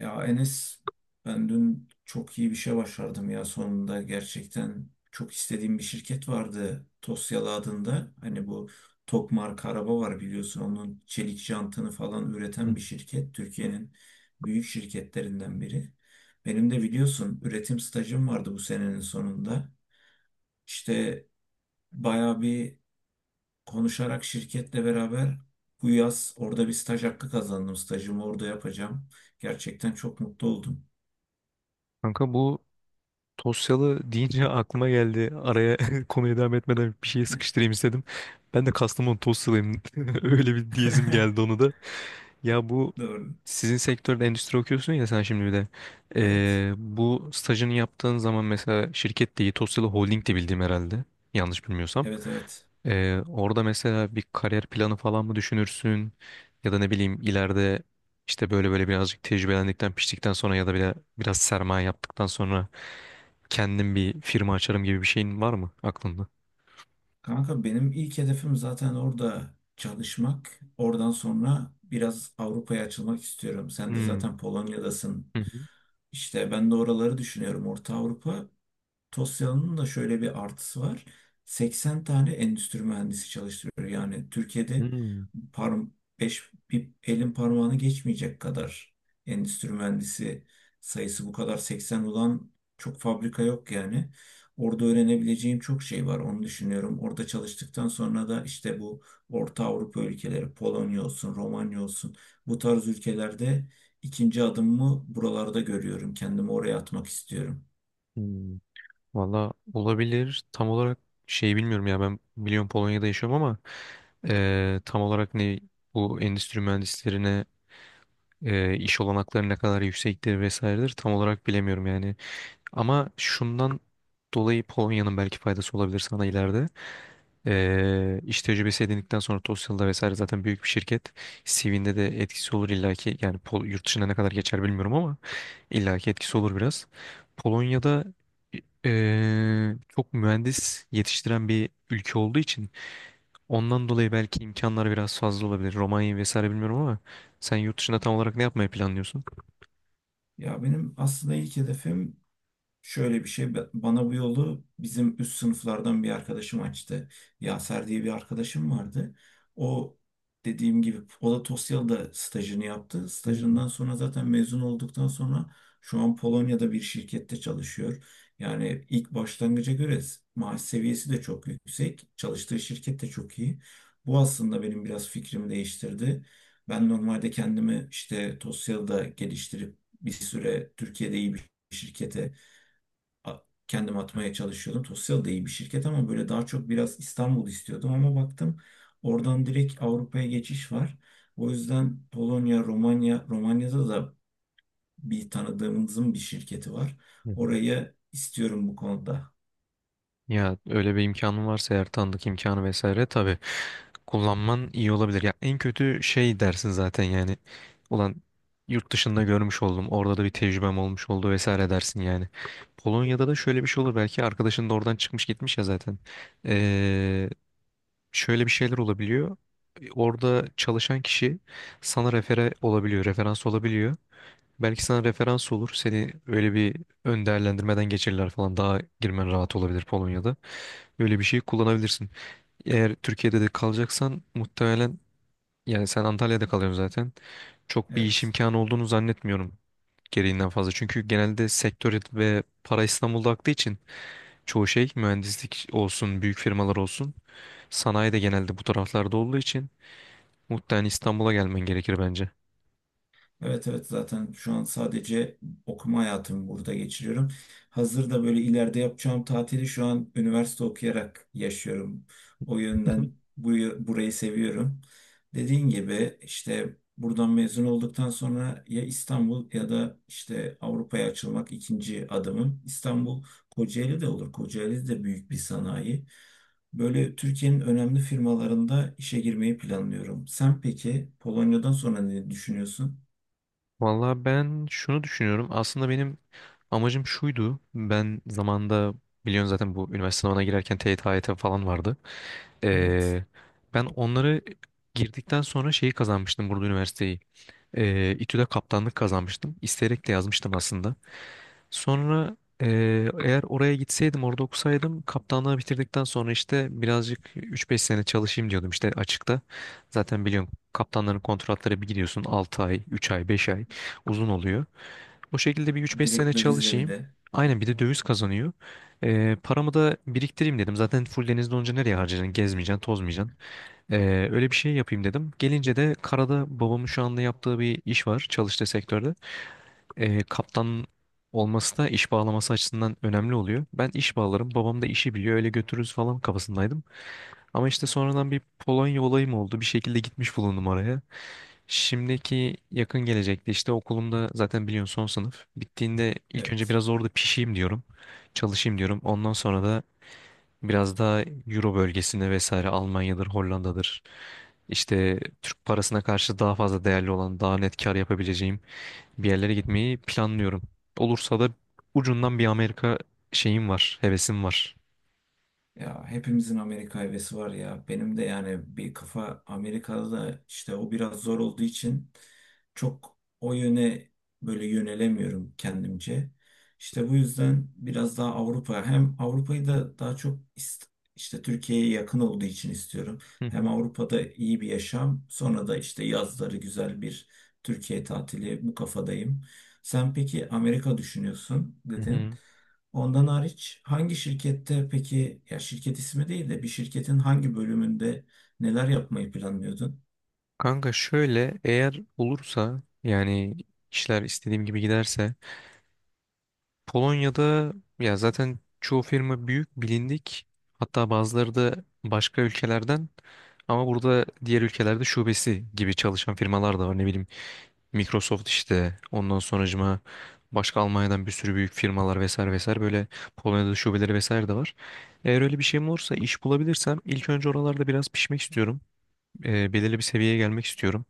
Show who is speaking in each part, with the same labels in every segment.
Speaker 1: Ya Enes, ben dün çok iyi bir şey başardım ya, sonunda gerçekten çok istediğim bir şirket vardı, Tosyalı adında. Hani bu Tok marka araba var biliyorsun, onun çelik jantını falan
Speaker 2: Hı.
Speaker 1: üreten bir şirket. Türkiye'nin büyük şirketlerinden biri. Benim de biliyorsun üretim stajım vardı bu senenin sonunda. İşte bayağı bir konuşarak şirketle beraber bu yaz orada bir staj hakkı kazandım. Stajımı orada yapacağım. Gerçekten çok mutlu oldum.
Speaker 2: Kanka bu Tosyalı deyince aklıma geldi. Araya konuya devam etmeden bir şey sıkıştırayım istedim. Ben de Kastamonu Tosyalıyım. Öyle bir diyezim geldi onu da. Ya bu
Speaker 1: Doğru.
Speaker 2: sizin sektörde endüstri okuyorsun ya sen şimdi bir de.
Speaker 1: Evet.
Speaker 2: Bu stajını yaptığın zaman mesela şirket değil Tosyalı Holding de bildiğim herhalde. Yanlış bilmiyorsam.
Speaker 1: Evet, evet.
Speaker 2: Orada mesela bir kariyer planı falan mı düşünürsün? Ya da ne bileyim ileride işte böyle böyle birazcık tecrübelendikten, piştikten sonra ya da bile biraz sermaye yaptıktan sonra kendim bir firma açarım gibi bir şeyin var mı aklında?
Speaker 1: Kanka, benim ilk hedefim zaten orada çalışmak. Oradan sonra biraz Avrupa'ya açılmak istiyorum. Sen de
Speaker 2: Hmm.
Speaker 1: zaten Polonya'dasın.
Speaker 2: Hı hı.
Speaker 1: İşte ben de oraları düşünüyorum. Orta Avrupa. Tosya'nın da şöyle bir artısı var. 80 tane endüstri mühendisi çalıştırıyor. Yani Türkiye'de
Speaker 2: Hmm.
Speaker 1: parm beş, bir elin parmağını geçmeyecek kadar endüstri mühendisi sayısı, bu kadar 80 olan çok fabrika yok yani. Orada öğrenebileceğim çok şey var, onu düşünüyorum. Orada çalıştıktan sonra da işte bu Orta Avrupa ülkeleri, Polonya olsun, Romanya olsun, bu tarz ülkelerde ikinci adımımı buralarda görüyorum. Kendimi oraya atmak istiyorum.
Speaker 2: Hmm. Valla olabilir. Tam olarak şey bilmiyorum ya ben biliyorum Polonya'da yaşıyorum ama tam olarak ne bu endüstri mühendislerine iş olanakları ne kadar yüksektir vesairedir tam olarak bilemiyorum yani. Ama şundan dolayı Polonya'nın belki faydası olabilir sana ileride. İş tecrübesi edindikten sonra TOEFL'da vesaire zaten büyük bir şirket. CV'nde de etkisi olur illaki. Yani Pol yurt dışına ne kadar geçer bilmiyorum ama illaki etkisi olur biraz. Polonya'da çok mühendis yetiştiren bir ülke olduğu için ondan dolayı belki imkanlar biraz fazla olabilir. Romanya vesaire bilmiyorum ama sen yurt dışında tam olarak ne yapmayı planlıyorsun?
Speaker 1: Ya benim aslında ilk hedefim şöyle bir şey, bana bu yolu bizim üst sınıflardan bir arkadaşım açtı. Yaser diye bir arkadaşım vardı. O, dediğim gibi o da Tosyalı'da stajını yaptı.
Speaker 2: Hmm.
Speaker 1: Stajından sonra zaten mezun olduktan sonra şu an Polonya'da bir şirkette çalışıyor. Yani ilk başlangıca göre maaş seviyesi de çok yüksek. Çalıştığı şirket de çok iyi. Bu aslında benim biraz fikrimi değiştirdi. Ben normalde kendimi işte Tosyalı'da geliştirip bir süre Türkiye'de iyi bir şirkete a- kendim atmaya çalışıyordum. Tosyal da iyi bir şirket ama böyle daha çok biraz İstanbul istiyordum, ama baktım oradan direkt Avrupa'ya geçiş var. O yüzden Polonya, Romanya, Romanya'da da bir tanıdığımızın bir şirketi var.
Speaker 2: Hı hı.
Speaker 1: Orayı istiyorum bu konuda.
Speaker 2: Ya öyle bir imkanın varsa eğer tanıdık imkanı vesaire tabii kullanman iyi olabilir. Ya en kötü şey dersin zaten yani. Ulan yurt dışında görmüş oldum. Orada da bir tecrübem olmuş oldu vesaire dersin yani. Polonya'da da şöyle bir şey olur. Belki arkadaşın da oradan çıkmış gitmiş ya zaten. Ee, Şöyle bir şeyler olabiliyor. Orada çalışan kişi sana refere olabiliyor, referans olabiliyor. Belki sana referans olur. Seni öyle bir ön değerlendirmeden geçirirler falan. Daha girmen rahat olabilir Polonya'da. Böyle bir şey kullanabilirsin. Eğer Türkiye'de de kalacaksan muhtemelen yani sen Antalya'da kalıyorsun zaten. Çok bir iş
Speaker 1: Evet.
Speaker 2: imkanı olduğunu zannetmiyorum gereğinden fazla. Çünkü genelde sektör ve para İstanbul'da aktığı için çoğu şey mühendislik olsun, büyük firmalar olsun. Sanayi de genelde bu taraflarda olduğu için muhtemelen İstanbul'a gelmen gerekir bence.
Speaker 1: Evet, evet, zaten şu an sadece okuma hayatımı burada geçiriyorum. Hazırda böyle ileride yapacağım tatili şu an üniversite okuyarak yaşıyorum. O yönden burayı seviyorum. Dediğin gibi işte buradan mezun olduktan sonra ya İstanbul ya da işte Avrupa'ya açılmak ikinci adımım. İstanbul, Kocaeli de olur. Kocaeli de büyük bir sanayi. Böyle Türkiye'nin önemli firmalarında işe girmeyi planlıyorum. Sen peki Polonya'dan sonra ne düşünüyorsun?
Speaker 2: Vallahi ben şunu düşünüyorum. Aslında benim amacım şuydu. Ben zamanda biliyorsun zaten bu üniversite sınavına girerken TYT, AYT falan vardı.
Speaker 1: Evet.
Speaker 2: Ee, Ben onları girdikten sonra şeyi kazanmıştım burada üniversiteyi. İTÜ'de kaptanlık kazanmıştım. İsteyerek de yazmıştım aslında. Sonra eğer oraya gitseydim, orada okusaydım kaptanlığı bitirdikten sonra işte birazcık üç beş sene çalışayım diyordum işte açıkta. Zaten biliyorum kaptanların kontratları bir gidiyorsun 6 ay, 3 ay, 5 ay uzun oluyor. O şekilde bir 3-5 sene
Speaker 1: Direkt dövizle bir
Speaker 2: çalışayım.
Speaker 1: de.
Speaker 2: Aynen bir de döviz kazanıyor. Paramı da biriktireyim dedim. Zaten full denizde olunca nereye harcayacaksın? Gezmeyeceksin, tozmayacaksın. Öyle bir şey yapayım dedim. Gelince de karada babamın şu anda yaptığı bir iş var çalıştığı sektörde. Kaptan olması da iş bağlaması açısından önemli oluyor. Ben iş bağlarım, babam da işi biliyor, öyle götürürüz falan kafasındaydım. Ama işte sonradan bir Polonya olayım oldu. Bir şekilde gitmiş bulundum oraya. Şimdiki yakın gelecekte işte okulumda zaten biliyorsun son sınıf. Bittiğinde ilk önce
Speaker 1: Evet.
Speaker 2: biraz orada pişeyim diyorum. Çalışayım diyorum. Ondan sonra da biraz daha Euro bölgesinde vesaire Almanya'dır, Hollanda'dır. İşte Türk parasına karşı daha fazla değerli olan, daha net kar yapabileceğim bir yerlere gitmeyi planlıyorum. Olursa da ucundan bir Amerika şeyim var, hevesim var.
Speaker 1: Ya hepimizin Amerika hevesi var ya. Benim de yani bir kafa Amerika'da, işte o biraz zor olduğu için çok o yöne böyle yönelemiyorum kendimce. İşte bu yüzden biraz daha Avrupa, hem Avrupa'yı da daha çok işte Türkiye'ye yakın olduğu için istiyorum.
Speaker 2: Hı hı.
Speaker 1: Hem Avrupa'da iyi bir yaşam, sonra da işte yazları güzel bir Türkiye tatili, bu kafadayım. Sen peki Amerika düşünüyorsun
Speaker 2: Hı
Speaker 1: dedin.
Speaker 2: hı.
Speaker 1: Ondan hariç hangi şirkette, peki ya şirket ismi değil de bir şirketin hangi bölümünde neler yapmayı planlıyordun?
Speaker 2: Kanka şöyle eğer olursa yani işler istediğim gibi giderse Polonya'da ya zaten çoğu firma büyük, bilindik. Hatta bazıları da başka ülkelerden ama burada diğer ülkelerde şubesi gibi çalışan firmalar da var. Ne bileyim Microsoft işte ondan sonracıma başka Almanya'dan bir sürü büyük firmalar vesaire vesaire böyle Polonya'da şubeleri vesaire de var. Eğer öyle bir şeyim olursa iş bulabilirsem ilk önce oralarda biraz pişmek istiyorum. Belirli bir seviyeye gelmek istiyorum.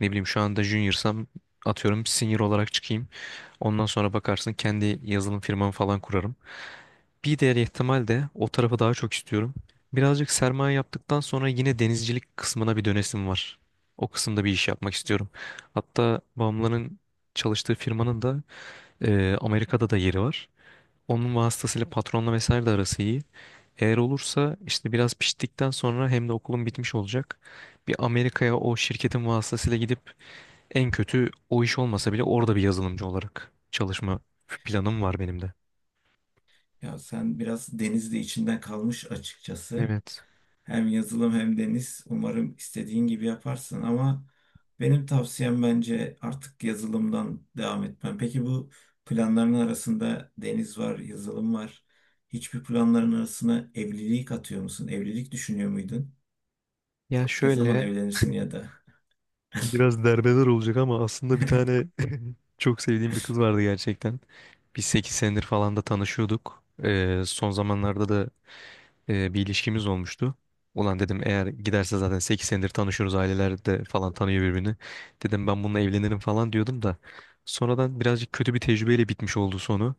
Speaker 2: Ne bileyim şu anda junior'sam atıyorum senior olarak çıkayım. Ondan sonra bakarsın kendi yazılım firmamı falan kurarım. Bir diğer ihtimal de o tarafı daha çok istiyorum. Birazcık sermaye yaptıktan sonra yine denizcilik kısmına bir dönesim var. O kısımda bir iş yapmak istiyorum. Hatta babamların çalıştığı firmanın da Amerika'da da yeri var. Onun vasıtasıyla patronla vesaire de arası iyi. Eğer olursa işte biraz piştikten sonra hem de okulum bitmiş olacak. Bir Amerika'ya o şirketin vasıtasıyla gidip en kötü o iş olmasa bile orada bir yazılımcı olarak çalışma planım var benim de.
Speaker 1: Ya sen biraz denizde içinden kalmış açıkçası.
Speaker 2: Evet.
Speaker 1: Hem yazılım hem deniz. Umarım istediğin gibi yaparsın ama benim tavsiyem, bence artık yazılımdan devam etmen. Peki bu planların arasında deniz var, yazılım var. Hiçbir planların arasına evlilik atıyor musun? Evlilik düşünüyor muydun?
Speaker 2: Ya
Speaker 1: Ne zaman
Speaker 2: şöyle
Speaker 1: evlenirsin ya da?
Speaker 2: biraz derbeder olacak ama aslında bir tane çok sevdiğim bir kız vardı gerçekten. Biz 8 senedir falan da tanışıyorduk. Son zamanlarda da bir ilişkimiz olmuştu. Ulan dedim eğer giderse zaten 8 senedir tanışıyoruz aileler de falan tanıyor birbirini. Dedim ben bununla evlenirim falan diyordum da. Sonradan birazcık kötü bir tecrübeyle bitmiş oldu sonu.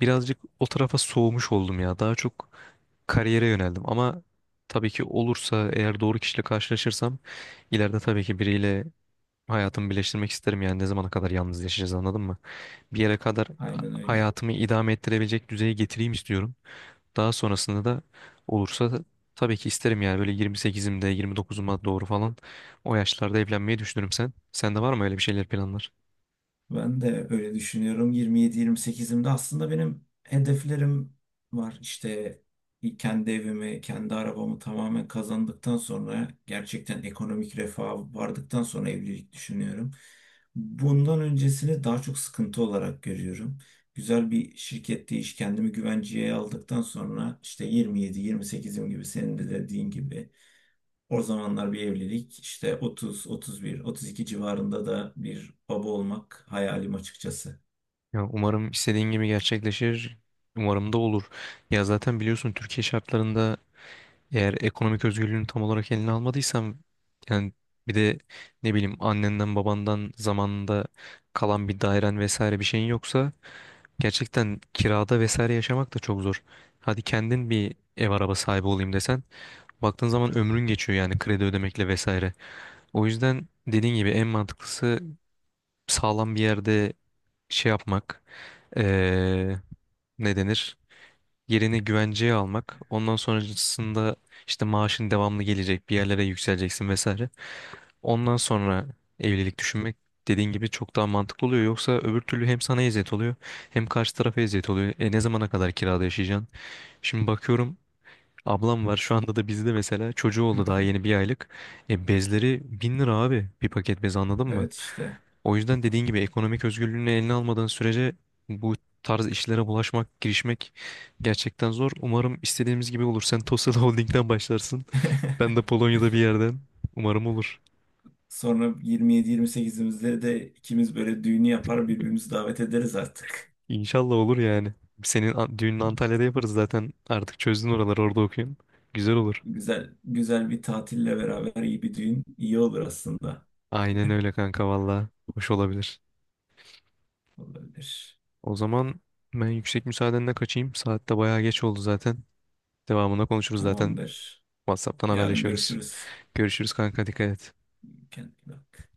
Speaker 2: Birazcık o tarafa soğumuş oldum ya. Daha çok kariyere yöneldim ama tabii ki olursa eğer doğru kişiyle karşılaşırsam ileride tabii ki biriyle hayatımı birleştirmek isterim yani ne zamana kadar yalnız yaşayacağız anladın mı? Bir yere kadar
Speaker 1: Aynen öyle.
Speaker 2: hayatımı idame ettirebilecek düzeye getireyim istiyorum. Daha sonrasında da olursa da tabii ki isterim yani böyle 28'imde 29'uma doğru falan o yaşlarda evlenmeyi düşünürüm sen. Sende var mı öyle bir şeyler planlar?
Speaker 1: Ben de öyle düşünüyorum. 27-28'imde aslında benim hedeflerim var. İşte kendi evimi, kendi arabamı tamamen kazandıktan sonra, gerçekten ekonomik refaha vardıktan sonra evlilik düşünüyorum. Bundan öncesini daha çok sıkıntı olarak görüyorum. Güzel bir şirkette iş, kendimi güvenceye aldıktan sonra, işte 27-28'im gibi, senin de dediğin gibi o zamanlar bir evlilik, işte 30, 31, 32 civarında da bir baba olmak hayalim açıkçası.
Speaker 2: Ya umarım istediğin gibi gerçekleşir. Umarım da olur. Ya zaten biliyorsun Türkiye şartlarında eğer ekonomik özgürlüğünü tam olarak eline almadıysan yani bir de ne bileyim annenden babandan zamanında kalan bir dairen vesaire bir şeyin yoksa gerçekten kirada vesaire yaşamak da çok zor. Hadi kendin bir ev araba sahibi olayım desen baktığın zaman ömrün geçiyor yani kredi ödemekle vesaire. O yüzden dediğin gibi en mantıklısı sağlam bir yerde şey yapmak ne denir? Yerini güvenceye almak. Ondan sonrasında işte maaşın devamlı gelecek, bir yerlere yükseleceksin vesaire. Ondan sonra evlilik düşünmek dediğin gibi çok daha mantıklı oluyor. Yoksa öbür türlü hem sana eziyet oluyor hem karşı tarafa eziyet oluyor. E ne zamana kadar kirada yaşayacaksın? Şimdi bakıyorum ablam var şu anda da bizde mesela çocuğu oldu daha yeni bir aylık. E, bezleri 1.000 lira abi bir paket bez anladın mı?
Speaker 1: Evet işte.
Speaker 2: O yüzden dediğin gibi ekonomik özgürlüğünü eline almadığın sürece bu tarz işlere bulaşmak, girişmek gerçekten zor. Umarım istediğimiz gibi olur. Sen Tosyalı Holding'den başlarsın. Ben de Polonya'da bir yerden. Umarım olur.
Speaker 1: Sonra 27-28'imizde de ikimiz böyle düğünü yapar, birbirimizi davet ederiz artık.
Speaker 2: İnşallah olur yani. Senin a- düğününü Antalya'da yaparız zaten. Artık çözdün oraları orada okuyun. Güzel olur.
Speaker 1: Güzel güzel bir tatille beraber iyi bir düğün iyi olur aslında.
Speaker 2: Aynen öyle kanka valla. Hoş olabilir.
Speaker 1: Olabilir.
Speaker 2: O zaman ben yüksek müsaadenle kaçayım. Saat de bayağı geç oldu zaten. Devamında konuşuruz zaten.
Speaker 1: Tamamdır.
Speaker 2: WhatsApp'tan
Speaker 1: Yarın
Speaker 2: haberleşiyoruz.
Speaker 1: görüşürüz.
Speaker 2: Görüşürüz kanka dikkat et.
Speaker 1: Kendine iyi bak.